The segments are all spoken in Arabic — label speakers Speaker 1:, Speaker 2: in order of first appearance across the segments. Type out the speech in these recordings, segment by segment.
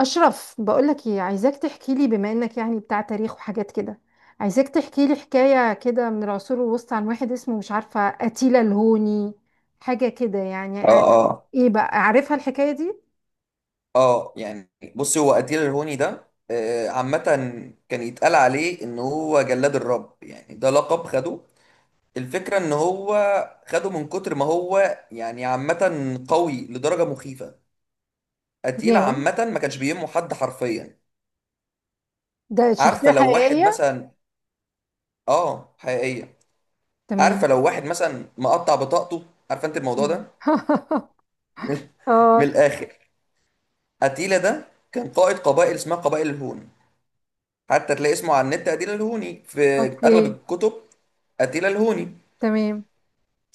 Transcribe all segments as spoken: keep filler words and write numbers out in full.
Speaker 1: أشرف، بقولك إيه؟ عايزاك تحكي لي، بما إنك يعني بتاع تاريخ وحاجات كده. عايزاك تحكي لي حكاية كده من العصور الوسطى عن واحد اسمه، مش عارفة، أتيلا الهوني، حاجة كده. يعني
Speaker 2: اه،
Speaker 1: آه،
Speaker 2: اه،
Speaker 1: إيه بقى، عارفها الحكاية دي؟
Speaker 2: اه، يعني بص. هو قتيل الهوني ده آه، عامة كان يتقال عليه ان هو جلاد الرب يعني ده لقب خده. الفكرة ان هو خده من كتر ما هو يعني عامة قوي لدرجة مخيفة. قتيل
Speaker 1: ياه،
Speaker 2: عامة ما كانش بيهمه حد حرفيا.
Speaker 1: ده شخصية
Speaker 2: عارفة لو واحد
Speaker 1: حقيقية؟
Speaker 2: مثلا. اه، حقيقية.
Speaker 1: تمام.
Speaker 2: عارفة لو واحد مثلا مقطع بطاقته؟ عارفة انت الموضوع ده؟ من من
Speaker 1: اه.
Speaker 2: الاخر. قتيلة ده كان قائد قبائل اسمها قبائل الهون، حتى تلاقي اسمه على النت أتيلا الهوني في أغلب
Speaker 1: اوكي.
Speaker 2: الكتب، أتيلا الهوني.
Speaker 1: تمام.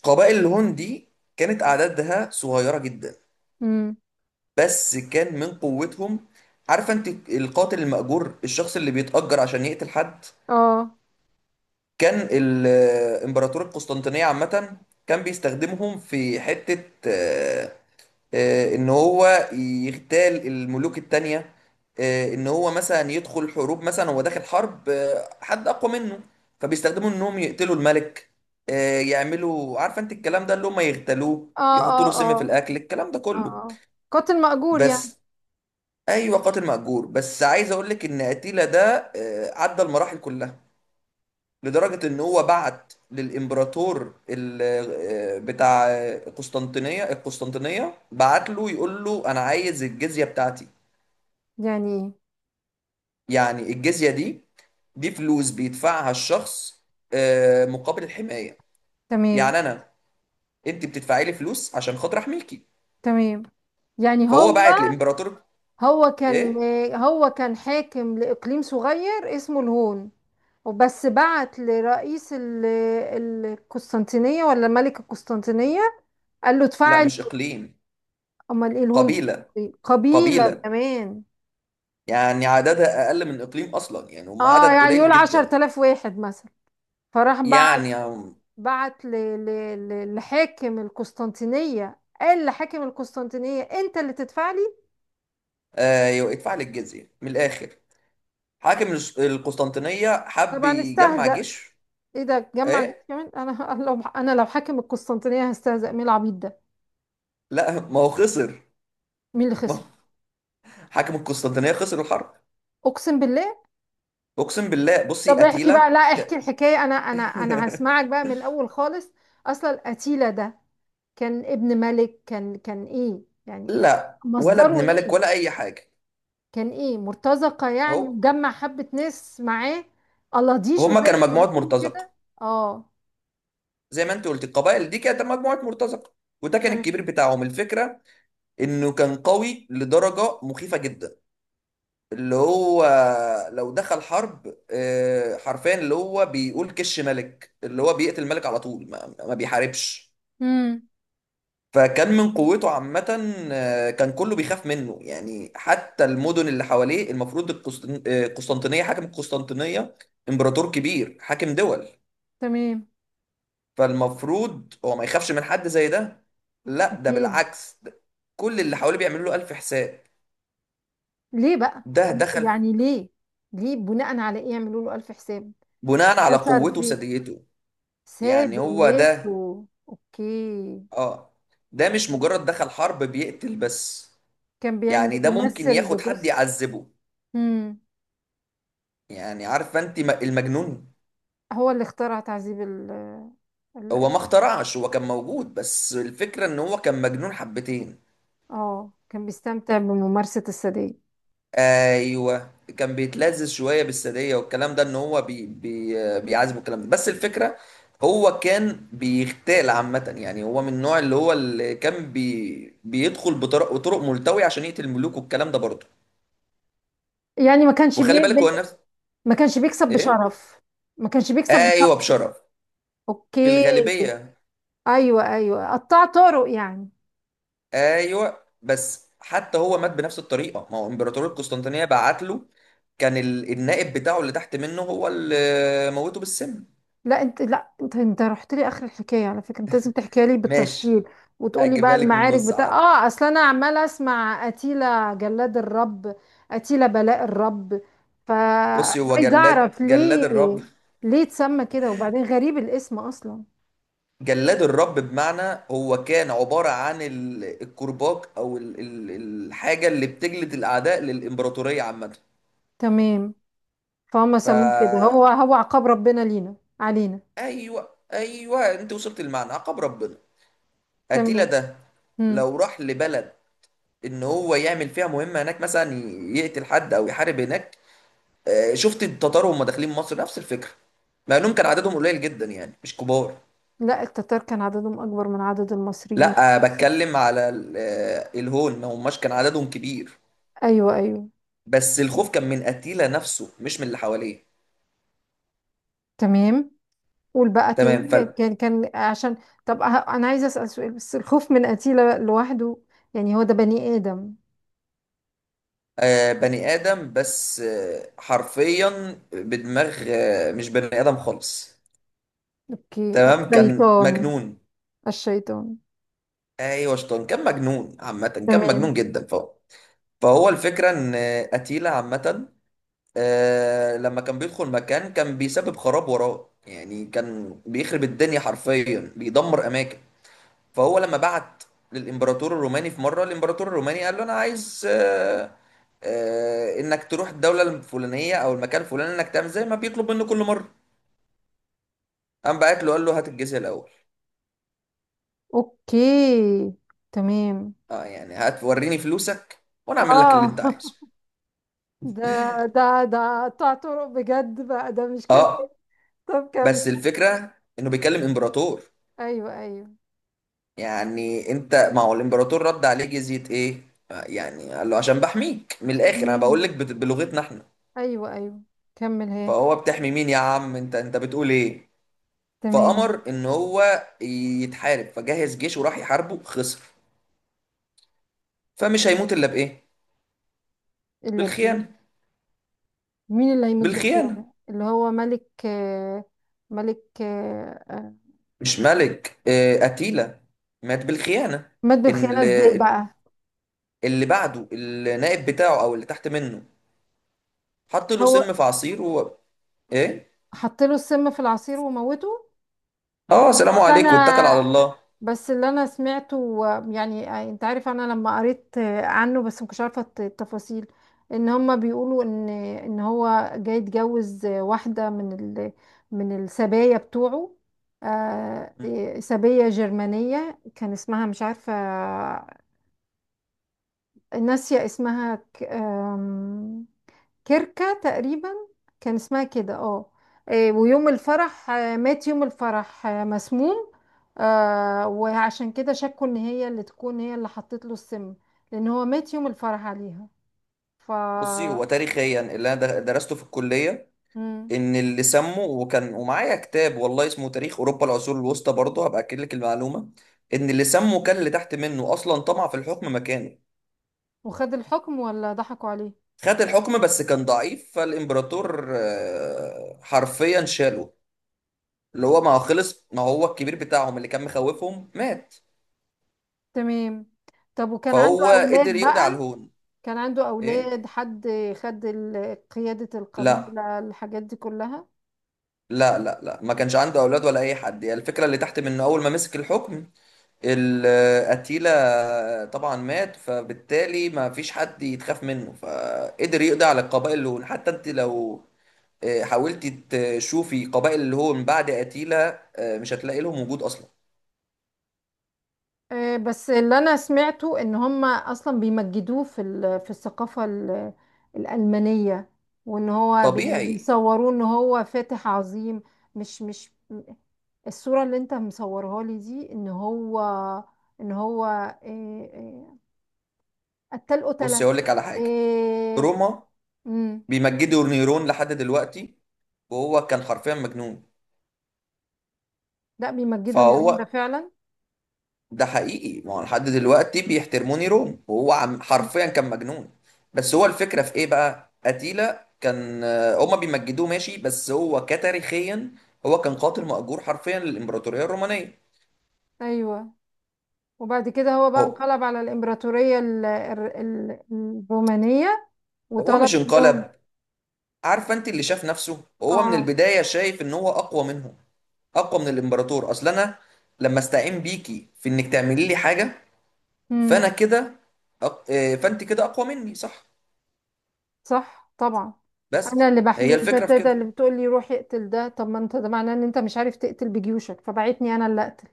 Speaker 2: قبائل الهون دي كانت أعدادها صغيرة جدا،
Speaker 1: امم.
Speaker 2: بس كان من قوتهم. عارفة أنت القاتل المأجور؟ الشخص اللي بيتأجر عشان يقتل حد.
Speaker 1: اه،
Speaker 2: كان ال- إمبراطور القسطنطينية عامة كان بيستخدمهم في حتة، آه، آه، ان هو يغتال الملوك التانية، آه، ان هو مثلا يدخل حروب، مثلا هو داخل حرب آه، حد اقوى منه فبيستخدموا انهم يقتلوا الملك، آه، يعملوا عارفه انت الكلام ده، اللي هم يغتالوه
Speaker 1: اه،
Speaker 2: يحطوا له
Speaker 1: اه،
Speaker 2: سم في
Speaker 1: اه،
Speaker 2: الاكل الكلام ده
Speaker 1: اه،
Speaker 2: كله.
Speaker 1: آه. قاتل مأجور يعني؟
Speaker 2: بس، ايوه، قاتل مأجور، بس عايز اقول لك ان اتيلا ده آه، عدى المراحل كلها، لدرجة إن هو بعت للإمبراطور ال- آه، بتاع قسطنطينية القسطنطينية، بعت له يقول له أنا عايز الجزية بتاعتي.
Speaker 1: يعني ايه؟
Speaker 2: يعني الجزية دي دي فلوس بيدفعها الشخص آه، مقابل الحماية.
Speaker 1: تمام.
Speaker 2: يعني أنا أنت بتدفعي لي فلوس عشان خاطر أحميكي.
Speaker 1: تمام. يعني هو،
Speaker 2: فهو بعت لإمبراطور.
Speaker 1: هو كان
Speaker 2: إيه؟
Speaker 1: هو كان حاكم لإقليم صغير اسمه الهون، وبس بعت لرئيس ال- القسطنطينية، ولا ملك القسطنطينية، قال له
Speaker 2: لا،
Speaker 1: اتفعل.
Speaker 2: مش إقليم.
Speaker 1: امال ايه الهون
Speaker 2: قبيلة
Speaker 1: دي؟ قبيلة
Speaker 2: قبيلة
Speaker 1: كمان؟
Speaker 2: يعني عددها أقل من إقليم أصلا، يعني هم
Speaker 1: اه.
Speaker 2: عدد
Speaker 1: يعني يقول
Speaker 2: قليل
Speaker 1: عشر
Speaker 2: جدا.
Speaker 1: تلاف واحد مثلا. فراح بعت
Speaker 2: يعني
Speaker 1: بعت ل- ل- ل- لحاكم القسطنطينية، قال لحاكم القسطنطينية انت اللي تدفع لي.
Speaker 2: آه، يدفع لي الجزية من الآخر. حاكم الس- القسطنطينية حب
Speaker 1: طبعا
Speaker 2: يجمع
Speaker 1: استهزأ.
Speaker 2: جيش.
Speaker 1: ايه ده، جمع جيش
Speaker 2: ايه.
Speaker 1: كمان؟ انا لو انا، لو حاكم القسطنطينية، هستهزأ، مين العبيط ده؟
Speaker 2: لا، ما هو خسر.
Speaker 1: مين اللي
Speaker 2: ما
Speaker 1: خسر؟
Speaker 2: هو حاكم القسطنطينية خسر الحرب.
Speaker 1: اقسم بالله.
Speaker 2: اقسم بالله. بصي
Speaker 1: طب احكي بقى،
Speaker 2: قتيلة
Speaker 1: لا احكي
Speaker 2: ك...
Speaker 1: الحكايه انا انا انا هسمعك بقى من الاول خالص. اصلا اتيلا ده كان ابن ملك، كان كان ايه يعني؟ يعني
Speaker 2: لا، ولا
Speaker 1: مصدره
Speaker 2: ابن ملك
Speaker 1: ايه؟
Speaker 2: ولا اي حاجة.
Speaker 1: كان ايه، مرتزقه
Speaker 2: اهو،
Speaker 1: يعني، وجمع حبه ناس معاه؟ الاضيشه
Speaker 2: هما
Speaker 1: زي
Speaker 2: كانوا
Speaker 1: ما
Speaker 2: مجموعة
Speaker 1: بيقولوا كده.
Speaker 2: مرتزقة.
Speaker 1: اه.
Speaker 2: زي ما انت قلت القبائل دي كانت مجموعة مرتزقة، وده كان
Speaker 1: تمام.
Speaker 2: الكبير بتاعهم. الفكرة انه كان قوي لدرجة مخيفة جدا، اللي هو لو دخل حرب آه، حرفيا اللي هو بيقول كش ملك، اللي هو بيقتل الملك على طول، ما, ما بيحاربش.
Speaker 1: امم.
Speaker 2: فكان من قوته عامة آه، كان كله بيخاف منه. يعني حتى المدن اللي حواليه المفروض القسطن- آه، القسطنطينية، حاكم القسطنطينية إمبراطور كبير حاكم دول،
Speaker 1: تمام.
Speaker 2: فالمفروض هو ما يخافش من حد زي ده. لا، ده
Speaker 1: اكيد.
Speaker 2: بالعكس، ده كل اللي حواليه بيعملوا له ألف حساب.
Speaker 1: ليه بقى؟
Speaker 2: ده دخل
Speaker 1: يعني ليه؟ ليه، بناء على ايه يعملوا له الف حساب؟
Speaker 2: بناء على
Speaker 1: ده صار
Speaker 2: قوته
Speaker 1: فيه
Speaker 2: وثديته. يعني هو ده.
Speaker 1: سادياته. اوكي.
Speaker 2: اه. ده مش مجرد دخل حرب بيقتل بس،
Speaker 1: كان بيعمل
Speaker 2: يعني
Speaker 1: إيه؟
Speaker 2: ده ممكن
Speaker 1: بيمثل
Speaker 2: ياخد حد
Speaker 1: بجزء؟
Speaker 2: يعذبه.
Speaker 1: امم.
Speaker 2: يعني عارفه انت م- المجنون.
Speaker 1: هو اللي اخترع تعذيب ال ال-
Speaker 2: هو ما اخترعش، هو كان موجود، بس الفكرة ان هو كان مجنون حبتين.
Speaker 1: اه؟ كان بيستمتع بممارسة السادية؟
Speaker 2: ايوه، كان بيتلذذ شوية بالسادية والكلام ده، ان هو بي بي بيعذب الكلام ده. بس الفكرة هو كان بيغتال عامة. يعني هو من النوع اللي هو اللي كان بي بيدخل بطرق بطرق ملتوية عشان يقتل الملوك والكلام ده برضه.
Speaker 1: يعني ما كانش بي...
Speaker 2: وخلي بالك هو
Speaker 1: بي-
Speaker 2: نفس.
Speaker 1: ما كانش بيكسب
Speaker 2: ايه.
Speaker 1: بشرف؟ ما كانش بيكسب بشرف؟
Speaker 2: ايوه، بشرف.
Speaker 1: اوكي.
Speaker 2: بالغالبية.
Speaker 1: ايوه، ايوه، قطع طرق يعني.
Speaker 2: ايوه، بس حتى هو مات بنفس الطريقة، ما هو امبراطورية القسطنطينية بعت له. كان ال- النائب بتاعه اللي تحت منه هو اللي موته بالسم.
Speaker 1: لا انت، لا انت انت رحت لي اخر الحكايه على فكره، انت لازم تحكيها لي بالتفصيل،
Speaker 2: ماشي،
Speaker 1: وتقولي بقى
Speaker 2: اجيبها لك من
Speaker 1: المعارك
Speaker 2: النص
Speaker 1: بتاع،
Speaker 2: عادي.
Speaker 1: اه، اصل انا عماله اسمع اتيلا جلاد الرب، اتيلا بلاء الرب،
Speaker 2: بصي، هو
Speaker 1: فعايزه
Speaker 2: جلاد
Speaker 1: اعرف
Speaker 2: جلاد
Speaker 1: ليه،
Speaker 2: الرب.
Speaker 1: ليه اتسمى كده؟ وبعدين غريب الاسم اصلا.
Speaker 2: جلاد الرب بمعنى هو كان عبارة عن ال- الكرباج او ال- ال- الحاجة اللي بتجلد الاعداء للامبراطورية عامة.
Speaker 1: تمام. فهم
Speaker 2: فا،
Speaker 1: سموه كده، هو هو عقاب ربنا لينا علينا.
Speaker 2: ايوه، ايوه، انت وصلت المعنى، عقاب ربنا. اتيلا
Speaker 1: تمام.
Speaker 2: ده
Speaker 1: مم.
Speaker 2: لو راح لبلد، ان هو يعمل فيها مهمه هناك، مثلا ي- يقتل حد او يحارب هناك. آه، شفت التتار وهم داخلين مصر نفس الفكره، مع انهم كان عددهم قليل جدا يعني مش كبار.
Speaker 1: لا، التتار كان عددهم اكبر من عدد المصريين.
Speaker 2: لا، آه، بتكلم على ال- آه، الهون، ما هماش كان عددهم كبير.
Speaker 1: ايوه، ايوه.
Speaker 2: بس الخوف كان من اتيلا نفسه مش من اللي حواليه.
Speaker 1: تمام. قول بقى
Speaker 2: تمام.
Speaker 1: تاني،
Speaker 2: فال
Speaker 1: كان كان عشان. طب، أه- انا عايزه اسال سؤال، بس الخوف من قتيله لوحده؟ يعني هو ده بني ادم؟
Speaker 2: آه، بني ادم، بس آه، حرفيا بدماغ آه، مش بني ادم خالص.
Speaker 1: اوكي،
Speaker 2: تمام، كان
Speaker 1: الشيطان.
Speaker 2: مجنون.
Speaker 1: الشيطان.
Speaker 2: ايوه، شطان. كان مجنون عامه، كان
Speaker 1: تمام.
Speaker 2: مجنون جدا. فهو فهو الفكرة إن أتيلا عامة آه، لما كان بيدخل مكان كان بيسبب خراب وراه. يعني كان بيخرب الدنيا حرفيا، بيدمر أماكن. فهو لما بعت للإمبراطور الروماني في مرة، الإمبراطور الروماني قال له أنا عايز آه، آه، إنك تروح الدولة الفلانية أو المكان الفلاني، إنك تعمل زي ما بيطلب منه كل مرة. قام بعت له قال له هات الجزية الأول.
Speaker 1: اوكي. تمام.
Speaker 2: أه، يعني هات وريني فلوسك وأنا أعمل لك اللي
Speaker 1: اه.
Speaker 2: أنت عايزه.
Speaker 1: ده ده ده قطع طرق بجد بقى، ده مش كلام.
Speaker 2: أه،
Speaker 1: طب كمل.
Speaker 2: بس الفكرة إنه بيكلم إمبراطور.
Speaker 1: ايوه، ايوه.
Speaker 2: يعني انت، ما هو الامبراطور رد عليه جزية ايه يعني، قال له عشان بحميك من الاخر انا بقول لك
Speaker 1: امم.
Speaker 2: بت- بلغتنا احنا.
Speaker 1: ايوه، ايوه، كمل هي.
Speaker 2: فهو بتحمي مين يا عم انت انت بتقول ايه؟
Speaker 1: تمام.
Speaker 2: فامر ان هو يتحارب فجهز جيش وراح يحاربه. خسر. فمش هيموت الا بايه.
Speaker 1: الا بايه؟
Speaker 2: بالخيانة.
Speaker 1: مين اللي هيموت
Speaker 2: بالخيانة.
Speaker 1: بالخيانه؟ اللي هو ملك، آه، ملك؟
Speaker 2: مش ملك، اه، اتيلا مات بالخيانة.
Speaker 1: مات بالخيانة
Speaker 2: اللي,
Speaker 1: ازاي بقى؟
Speaker 2: اللي بعده النائب بتاعه او اللي تحت منه حط له
Speaker 1: هو
Speaker 2: سم في عصير و... ايه.
Speaker 1: حط له السم في العصير وموته؟
Speaker 2: اه، سلام
Speaker 1: بس
Speaker 2: عليكم واتكل على
Speaker 1: انا
Speaker 2: الله.
Speaker 1: بس اللي انا سمعته و- يعني آه، انت عارف، انا لما قريت عنه، بس ما كنتش عارفة الت- التفاصيل، ان هما بيقولوا ان، ان هو جاي يتجوز واحدة من ال من السبايا بتوعه. آه، إيه، سبية جرمانية، كان اسمها، مش عارفة، ناسية اسمها، ك- آم، كركة تقريبا، كان اسمها كده، اه. آه، ويوم الفرح، آه، مات يوم الفرح، آه، مسموم. آه، وعشان كده شكوا ان هي اللي تكون، هي اللي حطت له السم، لان هو مات يوم الفرح عليها. ف
Speaker 2: بصي، هو تاريخيا اللي انا در- درسته في الكليه،
Speaker 1: مم.
Speaker 2: ان اللي سموا، وكان ومعايا كتاب والله اسمه تاريخ اوروبا العصور الوسطى برضه هبقى اكد لك المعلومه، ان اللي سموا كان اللي تحت منه اصلا طمع في الحكم مكانه.
Speaker 1: وخد الحكم ولا ضحكوا عليه؟
Speaker 2: خد الحكم بس كان ضعيف، فالامبراطور آه، حرفيا شاله. اللي هو ما هو خلص، ما هو الكبير بتاعهم اللي كان مخوفهم مات،
Speaker 1: تمام. طب، وكان عنده
Speaker 2: فهو قدر
Speaker 1: اولاد
Speaker 2: يقضي على
Speaker 1: بقى؟
Speaker 2: الهون.
Speaker 1: كان عنده
Speaker 2: ايه.
Speaker 1: اولاد، حد خد ال- قيادة
Speaker 2: لا،
Speaker 1: القبيلة، الحاجات دي كلها؟
Speaker 2: لا، لا، لا، ما كانش عنده اولاد ولا اي حد. يعني الفكره اللي تحت منه اول ما مسك الحكم، الأتيلا طبعا مات، فبالتالي ما فيش حد يتخاف منه، فقدر يقضي على القبائل اللي هون. حتى انت لو آه، حاولتي تشوفي قبائل اللي هو من بعد أتيلا آه، مش هتلاقي لهم وجود أصلا.
Speaker 1: آه، بس اللي انا سمعته ان هم اصلا بيمجدوه في ال- في الثقافة ال- الألمانية، وان هو يعني
Speaker 2: طبيعي.
Speaker 1: بيصوروه ان هو فاتح عظيم. مش مش الصورة اللي انت مصورها لي دي، ان هو، ان هو، إيه إيه قتال،
Speaker 2: بص
Speaker 1: قتلة.
Speaker 2: أقول لك على حاجة،
Speaker 1: إيه.
Speaker 2: روما
Speaker 1: مم.
Speaker 2: بيمجدوا نيرون لحد دلوقتي، وهو كان حرفيا مجنون.
Speaker 1: لا، بيمجدوا نيرون ده
Speaker 2: فهو،
Speaker 1: فعلا.
Speaker 2: ده حقيقي، ما هو لحد دلوقتي بيحترموني روم وهو عم
Speaker 1: مم.
Speaker 2: حرفيا كان مجنون. بس هو الفكرة في ايه بقى، أتيلا كان آه، هما بيمجدوه ماشي، بس هو كتاريخيا هو كان قاتل مأجور حرفيا للإمبراطورية الرومانية.
Speaker 1: ايوه. وبعد كده هو بقى
Speaker 2: هو
Speaker 1: انقلب على الامبراطورية ال- ال- ال- الرومانية،
Speaker 2: هو
Speaker 1: وطلب
Speaker 2: مش
Speaker 1: منهم.
Speaker 2: انقلب. عارفة انت اللي شاف نفسه هو من
Speaker 1: اه.
Speaker 2: البداية شايف ان هو أقوى منهم، أقوى من الإمبراطور. أصل أنا لما استعين بيكي في انك تعملي لي حاجة،
Speaker 1: امم.
Speaker 2: فأنا كده أق... آه، فانت كده أقوى مني، صح.
Speaker 1: صح طبعا. انا
Speaker 2: بس
Speaker 1: اللي
Speaker 2: هي
Speaker 1: بحميه، انت
Speaker 2: الفكرة
Speaker 1: أنت
Speaker 2: في
Speaker 1: أنت
Speaker 2: كده
Speaker 1: اللي بتقولي روح اقتل ده. طب ما انت، ده معناه ان انت مش عارف تقتل بجيوشك، فبعتني انا اللي اقتل.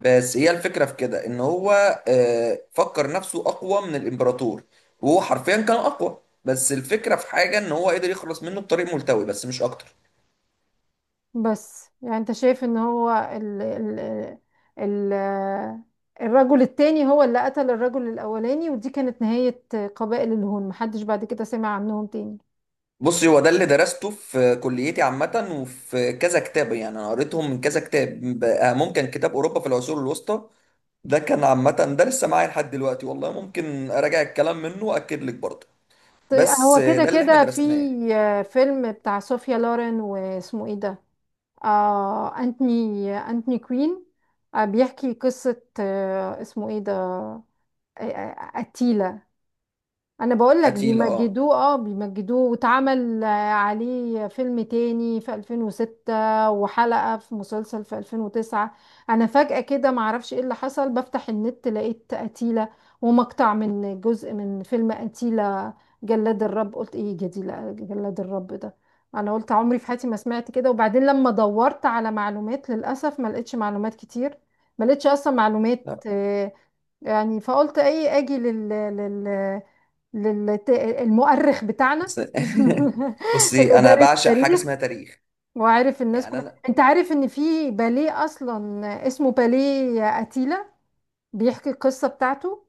Speaker 2: بس هي الفكرة في كده ان هو آه، فكر نفسه اقوى من الامبراطور، وهو حرفيا كان اقوى. بس الفكرة في حاجة ان هو قدر يخلص منه بطريق ملتوي بس مش اكتر.
Speaker 1: بس يعني انت شايف ان هو ال ال ال الرجل التاني هو اللي قتل الرجل الاولاني، ودي كانت نهاية قبائل الهون، محدش بعد كده سمع عنهم تاني؟
Speaker 2: بص هو ده اللي درسته في كليتي عامة، وفي كذا كتاب، يعني انا قريتهم من كذا كتاب بقى، ممكن كتاب اوروبا في العصور الوسطى ده كان عامة، ده لسه معايا لحد دلوقتي والله، ممكن اراجع الكلام منه واكد لك برضه.
Speaker 1: طيب،
Speaker 2: بس
Speaker 1: هو
Speaker 2: آه،
Speaker 1: كده إيه.
Speaker 2: ده اللي احنا
Speaker 1: كده في
Speaker 2: درسناه.
Speaker 1: فيلم بتاع صوفيا لورين، واسمه ايه ده، آه، أنتوني أنتوني كوين، آه، بيحكي قصة، آه اسمه ايه ده، آه آه، قتيلة. انا بقول لك
Speaker 2: قتيلة، اه،
Speaker 1: بيمجدوه، اه بيمجدوه واتعمل، آه، عليه فيلم تاني في ألفين وستة، وحلقة في مسلسل في ألفين وتسعة. انا فجأة كده معرفش ايه اللي حصل، بفتح النت لقيت قتيلة، ومقطع من جزء من فيلم قتيلة جلاد الرب، قلت ايه جديلة جلاد الرب ده؟ انا قلت عمري في حياتي ما سمعت كده. وبعدين لما دورت على معلومات، للاسف ما لقيتش معلومات كتير، ما لقيتش اصلا معلومات،
Speaker 2: لا،
Speaker 1: آه، يعني، فقلت ايه، اجي لل لل لل المؤرخ بتاعنا.
Speaker 2: بس.
Speaker 1: اللي
Speaker 2: بصي، انا
Speaker 1: دارس
Speaker 2: بعشق حاجة
Speaker 1: تاريخ
Speaker 2: اسمها تاريخ.
Speaker 1: وعارف الناس
Speaker 2: يعني
Speaker 1: كلها.
Speaker 2: انا،
Speaker 1: انت عارف ان في باليه اصلا اسمه باليه اتيلا، بيحكي القصه بتاعته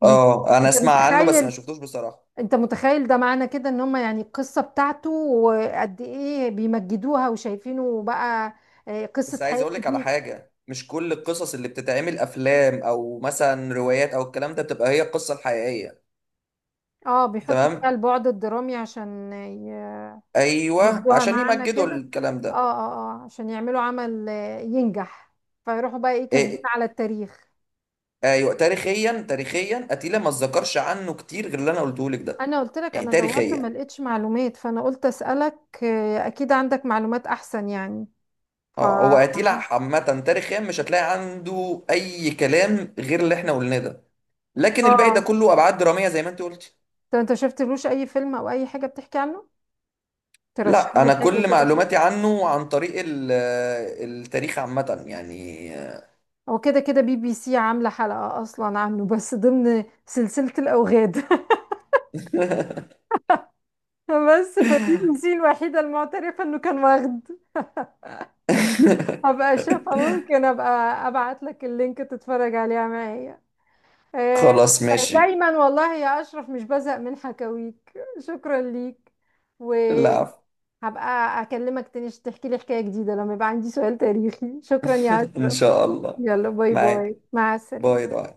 Speaker 1: من
Speaker 2: اه انا
Speaker 1: انت
Speaker 2: اسمع عنه بس ما
Speaker 1: متخيل؟
Speaker 2: شفتوش بصراحة.
Speaker 1: انت متخيل، ده معنى كده ان هم يعني القصه بتاعته، وقد ايه بيمجدوها وشايفينه بقى، آه، قصه
Speaker 2: بس عايز اقول
Speaker 1: حياته
Speaker 2: لك على
Speaker 1: دي.
Speaker 2: حاجة، مش كل القصص اللي بتتعمل افلام او مثلا روايات او الكلام ده بتبقى هي القصة الحقيقية.
Speaker 1: اه، بيحطوا فيها
Speaker 2: تمام.
Speaker 1: البعد الدرامي عشان
Speaker 2: ايوه،
Speaker 1: يدوها
Speaker 2: عشان
Speaker 1: معنى
Speaker 2: يمجدوا
Speaker 1: كده.
Speaker 2: الكلام
Speaker 1: اه
Speaker 2: ده.
Speaker 1: اه اه عشان يعملوا عمل، آه، ينجح، فيروحوا بقى ايه، كاسبين
Speaker 2: إيه.
Speaker 1: على التاريخ.
Speaker 2: ايوه، تاريخيا، تاريخيا اتيلا ما اتذكرش عنه كتير غير اللي انا قلته لك ده.
Speaker 1: انا قلت لك
Speaker 2: يعني
Speaker 1: انا دورت ما
Speaker 2: تاريخيا،
Speaker 1: لقيتش معلومات، فانا قلت اسالك، آه، اكيد عندك معلومات احسن يعني. ف
Speaker 2: اه، هو اتيلا
Speaker 1: اه
Speaker 2: عامة تاريخيا مش هتلاقي عنده اي كلام غير اللي احنا قلناه ده. لكن الباقي ده كله ابعاد درامية زي ما انت قلت.
Speaker 1: طب انت شفتلوش اي فيلم او اي حاجه بتحكي عنه؟ ترشح
Speaker 2: لا،
Speaker 1: لي
Speaker 2: انا
Speaker 1: حاجه
Speaker 2: كل
Speaker 1: كده.
Speaker 2: معلوماتي عنه عن طريق ال- آه، التاريخ عامة يعني.
Speaker 1: هو كده كده بي بي سي عامله حلقه اصلا عنه، بس ضمن سلسله الاوغاد. بس فبي بي سي الوحيده المعترفه انه كان واخد. هبقى اشوفها، ممكن ابقى ابعت لك اللينك تتفرج عليها معايا. آه،
Speaker 2: خلاص، ماشي.
Speaker 1: دايما والله يا اشرف مش بزهق من حكاويك، شكرا ليك.
Speaker 2: لا،
Speaker 1: وهبقى
Speaker 2: عفو.
Speaker 1: اكلمك تاني عشان تحكي لي حكاية جديدة لما يبقى عندي سؤال تاريخي. شكرا يا
Speaker 2: ان
Speaker 1: اشرف.
Speaker 2: شاء الله.
Speaker 1: يلا، باي
Speaker 2: معاك.
Speaker 1: باي، مع
Speaker 2: باي
Speaker 1: السلامة.
Speaker 2: باي.